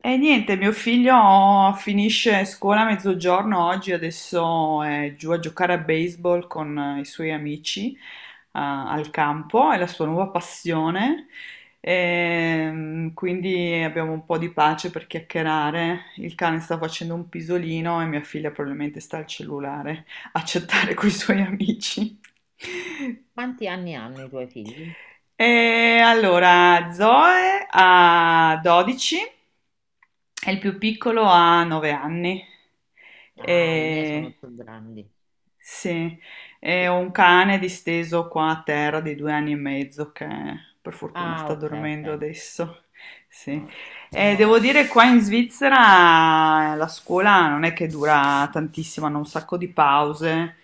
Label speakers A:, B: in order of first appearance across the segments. A: E niente, mio figlio finisce scuola a mezzogiorno oggi, adesso è giù a giocare a baseball con i suoi amici al campo, è la sua nuova passione. Quindi abbiamo un po' di pace per chiacchierare. Il cane sta facendo un pisolino e mia figlia probabilmente sta al cellulare a chattare con i suoi amici.
B: Quanti anni hanno i tuoi figli?
A: E allora, Zoe ha 12 e il più piccolo ha 9 anni.
B: Ah, i miei sono
A: E...
B: più grandi.
A: Sì, e
B: Sì.
A: ho un cane disteso qua a terra di 2 anni e mezzo che per fortuna
B: Ah,
A: sta
B: ok,
A: dormendo
B: ok.
A: adesso.
B: No,
A: Sì. E
B: io.
A: devo dire, qua in Svizzera la scuola non è che dura tantissimo, hanno un sacco di pause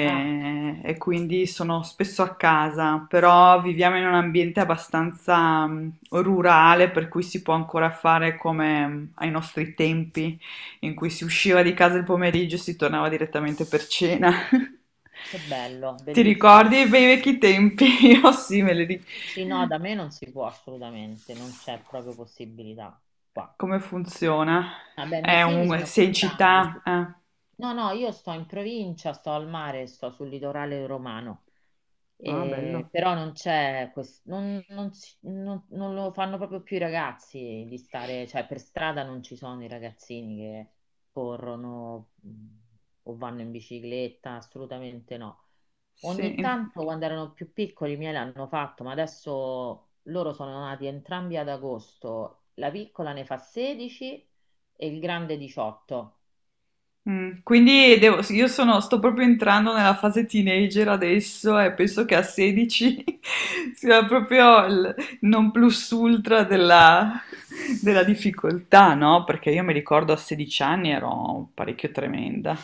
B: Ah,
A: e, quindi sono spesso a casa, però viviamo in un ambiente abbastanza rurale per cui si può ancora fare come ai nostri tempi in cui si usciva di casa il pomeriggio e si tornava direttamente per cena.
B: che bello,
A: Ti ricordi
B: bellissimo.
A: i bei vecchi tempi? Io sì, me li ricordo.
B: Sì, no, da me non si può assolutamente, non c'è proprio possibilità qua.
A: Come funziona?
B: Vabbè, i miei figli sono più
A: Sei in
B: grandi.
A: città?
B: No, no, io sto in provincia, sto al mare, sto sul litorale romano.
A: Ah, bello.
B: Però non c'è questo, non, non si- non- non lo fanno proprio più i ragazzi di stare, cioè per strada non ci sono i ragazzini che corrono o vanno in bicicletta, assolutamente no.
A: Sì.
B: Ogni tanto quando erano più piccoli i miei l'hanno fatto, ma adesso loro sono nati entrambi ad agosto. La piccola ne fa 16 e il grande 18.
A: Quindi sì, sto proprio entrando nella fase teenager adesso e penso che a 16 sia proprio il non plus ultra della difficoltà, no? Perché io mi ricordo a 16 anni ero parecchio tremenda.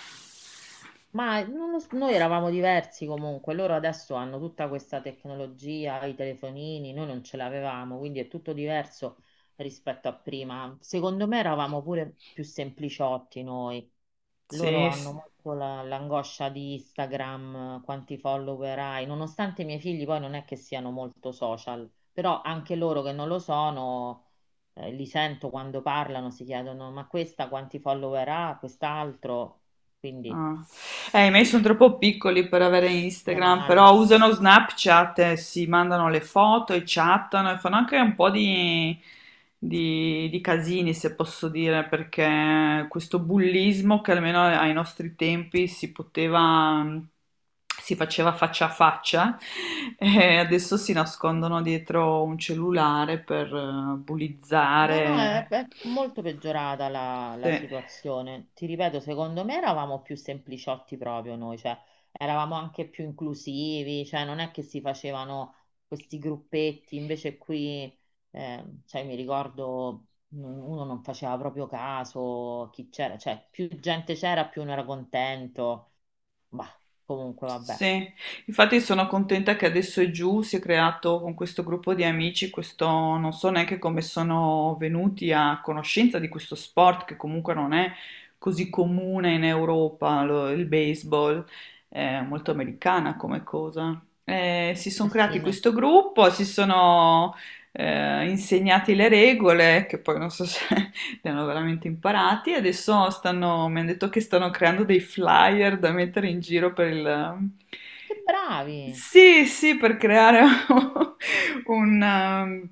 B: Ma non lo s- noi eravamo diversi comunque, loro adesso hanno tutta questa tecnologia, i telefonini, noi non ce l'avevamo, quindi è tutto diverso rispetto a prima. Secondo me eravamo pure più sempliciotti noi. Loro
A: Sì,
B: hanno
A: sì.
B: molto l'angoscia di Instagram, quanti follower hai, nonostante i miei figli poi non è che siano molto social, però anche loro che non lo sono, li sento quando parlano, si chiedono ma questa quanti follower ha, quest'altro, quindi.
A: Ah.
B: Eh
A: I miei
B: sì,
A: sono troppo piccoli per avere
B: meno
A: Instagram,
B: male.
A: però usano Snapchat, si mandano le foto e chattano e fanno anche un po' di, di casini, se posso dire, perché questo bullismo che almeno ai nostri tempi si poteva, si faceva faccia a faccia, e adesso si nascondono dietro un cellulare per
B: No, no, è,
A: bullizzare.
B: è molto peggiorata la,
A: Sì.
B: la situazione. Ti ripeto, secondo me eravamo più sempliciotti proprio noi, cioè eravamo anche più inclusivi, cioè non è che si facevano questi gruppetti, invece qui, cioè mi ricordo, uno non faceva proprio caso a chi c'era, cioè più gente c'era, più uno era contento. Bah, comunque vabbè.
A: Sì, infatti sono contenta che adesso è giù, si è creato con questo gruppo di amici, questo non so neanche come sono venuti a conoscenza di questo sport che comunque non è così comune in Europa, il baseball, è molto americana come cosa. Si sono
B: Eh sì,
A: creati
B: no.
A: questo gruppo, si sono insegnati le regole, che poi non so se li hanno veramente imparati e adesso stanno, mi hanno detto che stanno creando dei flyer da mettere in giro per il.
B: Che bravi!
A: Sì, sì, per creare un, um,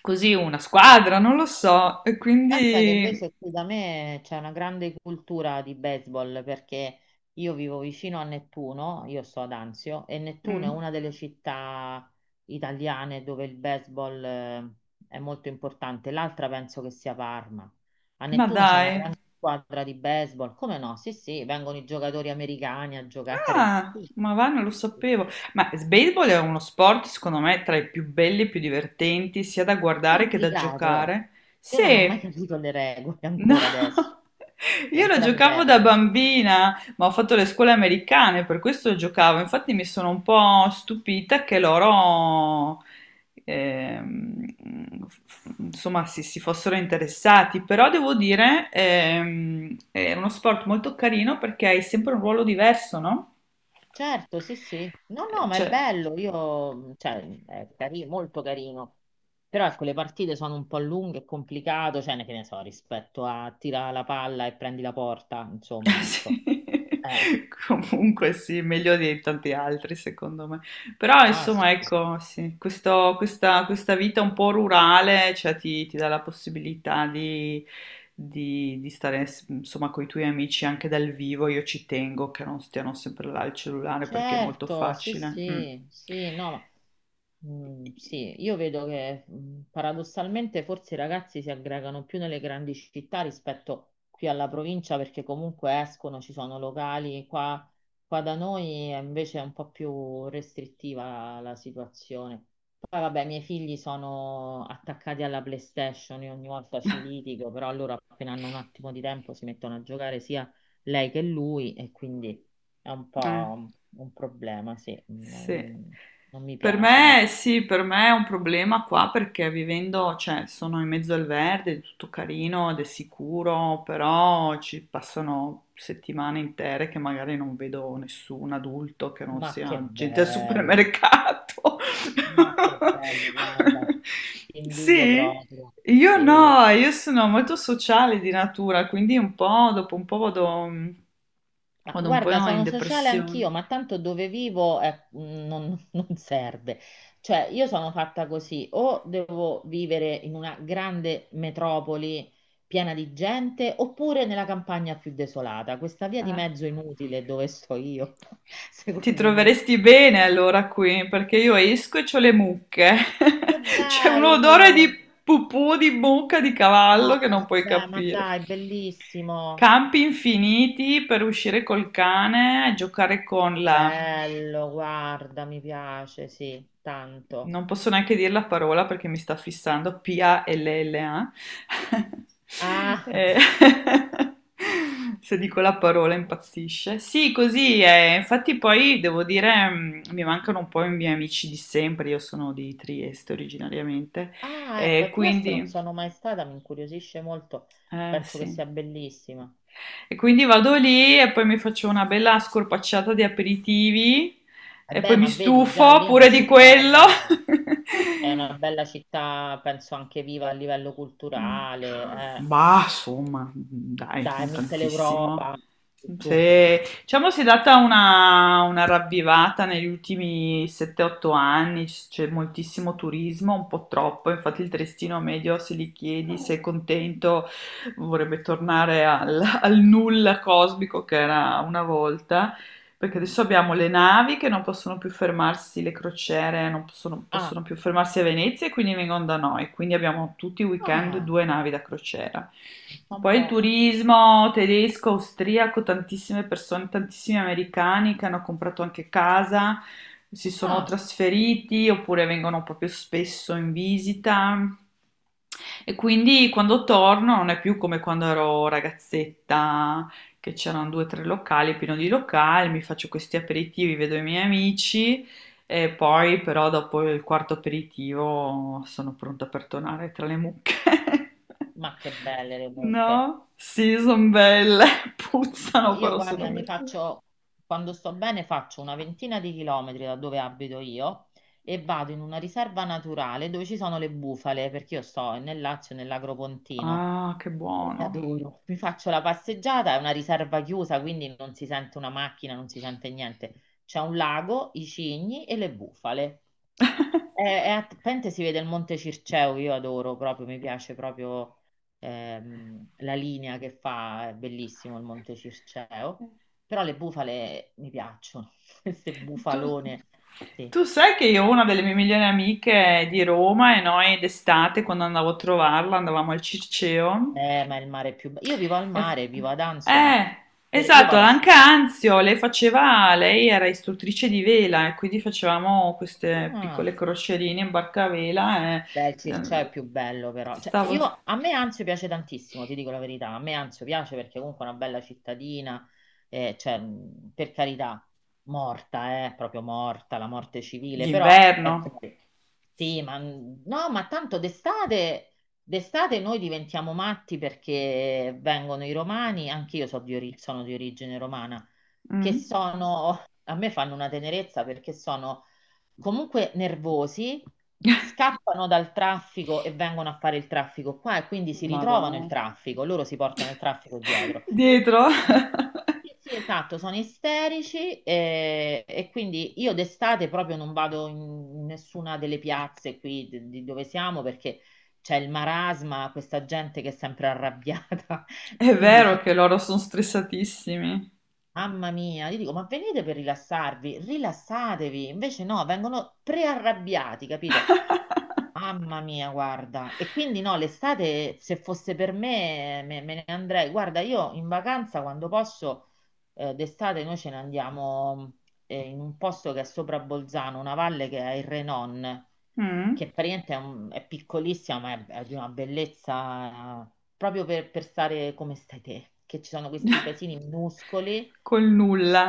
A: così una squadra, non lo so. E
B: Pensa che
A: quindi.
B: invece qui da me c'è una grande cultura di baseball perché io vivo vicino a Nettuno, io sto ad Anzio, e Nettuno è
A: mm,
B: una delle città italiane dove il baseball è molto importante. L'altra penso che sia Parma. A
A: ma
B: Nettuno c'è una
A: dai.
B: grande squadra di baseball, come no? Sì, sì, vengono i giocatori americani a giocare.
A: Ah,
B: Sì,
A: ma va, non lo
B: sì,
A: sapevo.
B: sì.
A: Ma il baseball è uno sport, secondo me, tra i più belli e più divertenti, sia da guardare che da
B: Complicato.
A: giocare.
B: Io
A: Sì.
B: non ho mai capito le regole
A: No,
B: ancora adesso, e
A: io lo
B: ancora mi
A: giocavo da
B: perdo.
A: bambina, ma ho fatto le scuole americane, per questo lo giocavo. Infatti mi sono un po' stupita che loro, ehm, insomma, si fossero interessati. Però devo dire, è uno sport molto carino perché hai sempre un ruolo diverso, no?
B: Certo, sì, sì. No, no, ma è
A: Cioè,
B: bello, io, cioè, è carino, molto carino. Però ecco, le partite sono un po' lunghe, è complicato, cioè, ne che ne so, rispetto a tira la palla e prendi la porta, insomma,
A: Sì.
B: ecco. Eh,
A: Comunque sì, meglio di tanti altri secondo me. Però
B: ah, sì.
A: insomma
B: Sì.
A: ecco, sì, questa vita un po' rurale cioè, ti dà la possibilità di, di stare insomma con i tuoi amici anche dal vivo. Io ci tengo che non stiano sempre là al cellulare perché è molto
B: Certo, sì,
A: facile. Mm.
B: sì, sì, no. Mm, sì, io vedo che paradossalmente forse i ragazzi si aggregano più nelle grandi città rispetto qui alla provincia perché comunque escono, ci sono locali, qua, qua da noi è invece un po' più restrittiva la situazione. Poi vabbè, i miei figli sono attaccati alla PlayStation, io ogni volta ci litigo, però loro appena hanno un attimo di tempo si mettono a giocare sia lei che lui. È un
A: Eh.
B: po' un problema, sì. No,
A: Sì.
B: non mi
A: Per
B: piace
A: me
B: molto.
A: sì, per me è un problema qua perché vivendo, cioè sono in mezzo al verde, è tutto carino ed è sicuro, però ci passano settimane intere che magari non vedo nessun adulto che non
B: Ma che
A: sia gente al
B: bello,
A: supermercato.
B: ma che bello, guarda, ti invidio
A: Sì,
B: proprio.
A: io
B: Sì.
A: no, io sono molto sociale di natura, quindi un po' dopo un po' vado,
B: Ma
A: vado un po'
B: guarda,
A: in
B: sono sociale
A: depressione.
B: anch'io, ma tanto dove vivo non, non serve. Cioè, io sono fatta così, o devo vivere in una grande metropoli piena di gente, oppure nella campagna più desolata. Questa via di
A: Eh.
B: mezzo inutile dove sto io,
A: Ti
B: secondo me.
A: troveresti bene allora qui, perché io esco e c'ho le mucche.
B: Che
A: C'è un odore di
B: bello!
A: pupù, di mucca, di
B: No,
A: cavallo che non puoi
B: vabbè, ma
A: capire.
B: dai, bellissimo.
A: Campi infiniti per uscire col cane, giocare con la
B: Bello, guarda, mi piace, sì, tanto.
A: non posso neanche dire la parola perché mi sta fissando, palla.
B: Ah,
A: Eh, Se dico la parola impazzisce. Sì, così è. Infatti poi devo dire, mi mancano un po' i miei amici di sempre, io sono di Trieste originariamente,
B: ah, ecco,
A: e
B: a Trieste non
A: quindi.
B: sono mai stata, mi incuriosisce molto.
A: Eh,
B: Penso che
A: sì.
B: sia bellissima.
A: E quindi vado lì e poi mi faccio una bella scorpacciata di aperitivi
B: Eh
A: e poi
B: beh,
A: mi
B: ma vedi, già
A: stufo
B: lì è una
A: pure di
B: città
A: quello.
B: bella. È una bella città, penso anche viva a livello
A: Mm.
B: culturale. Eh.
A: Bah, insomma, dai,
B: Dai,
A: non tantissimo.
B: Mitteleuropa. Tu.
A: Se, Diciamo si è data una ravvivata negli ultimi 7-8 anni, c'è moltissimo turismo, un po' troppo, infatti il trestino medio se gli chiedi se è contento vorrebbe tornare al nulla cosmico che era una volta. Perché
B: Mm.
A: adesso abbiamo le navi che non possono più fermarsi, le crociere non possono,
B: Ah,
A: possono più fermarsi a Venezia e quindi vengono da noi. Quindi abbiamo tutti i weekend
B: ah,
A: due navi da crociera.
B: un
A: Poi il
B: po'.
A: turismo tedesco, austriaco, tantissime persone, tantissimi americani che hanno comprato anche casa, si sono
B: Ah.
A: trasferiti oppure vengono proprio spesso in visita. E quindi quando torno non è più come quando ero ragazzetta che c'erano due o tre locali, pieno di locali, mi faccio questi aperitivi, vedo i miei amici e poi però dopo il quarto aperitivo sono pronta per tornare tra le mucche.
B: Ma che belle le mucche.
A: No? Sì, sono belle,
B: No,
A: puzzano,
B: io
A: però sono
B: guarda,
A: belle.
B: quando sto bene, faccio una ventina di chilometri da dove abito io e vado in una riserva naturale dove ci sono le bufale, perché io sto nel Lazio, nell'Agropontino.
A: Ah, che
B: E le
A: buono.
B: adoro. Mi faccio la passeggiata, è una riserva chiusa, quindi non si sente una macchina, non si sente niente. C'è un lago, i cigni e le bufale. È, è a Pente si vede il Monte Circeo, io adoro proprio, mi piace proprio la linea che fa, è bellissimo il Monte Circeo, però le bufale mi piacciono, queste
A: Tu,
B: bufalone, sì.
A: tu sai che io ho una delle mie migliori amiche di Roma e noi d'estate quando andavo a trovarla andavamo al Circeo.
B: Ma il mare è più bello. Io vivo al
A: Eh,
B: mare, vivo ad Anzio, ma
A: eh,
B: io
A: esatto,
B: vado a.
A: anche Anzio, lei era istruttrice di vela e quindi facevamo queste
B: Ah,
A: piccole crocerine in barcavela e
B: beh, il Circeo
A: eh,
B: è più bello però. Cioè,
A: stavo
B: io, a me Anzio piace tantissimo, ti dico la verità. A me Anzio piace perché comunque è una bella cittadina, cioè, per carità, morta, proprio morta, la morte civile, però
A: d'inverno.
B: è. Sì, ma no, ma tanto d'estate noi diventiamo matti perché vengono i romani, anche io sono di origine romana, che
A: Mm.
B: sono, a me fanno una tenerezza perché sono comunque nervosi, scappano dal traffico e vengono a fare il traffico qua e quindi si
A: Madò.
B: ritrovano il traffico, loro si portano il traffico dietro.
A: Dietro.
B: Sì, sì, esatto, sono isterici e, quindi io d'estate proprio non vado in nessuna delle piazze qui di dove siamo perché c'è il marasma, questa gente che è sempre arrabbiata,
A: È
B: quindi
A: vero che loro sono stressatissimi.
B: mamma mia, gli dico ma venite per rilassarvi, rilassatevi, invece no, vengono prearrabbiati, capito? Mamma mia, guarda. E quindi no, l'estate, se fosse per me, me ne andrei. Guarda, io in vacanza, quando posso, d'estate noi ce ne andiamo in un posto che è sopra Bolzano, una valle che è il Renon,
A: Mm.
B: che praticamente è piccolissima, ma è di una bellezza proprio per stare come stai te, che ci sono questi paesini minuscoli
A: Col nulla.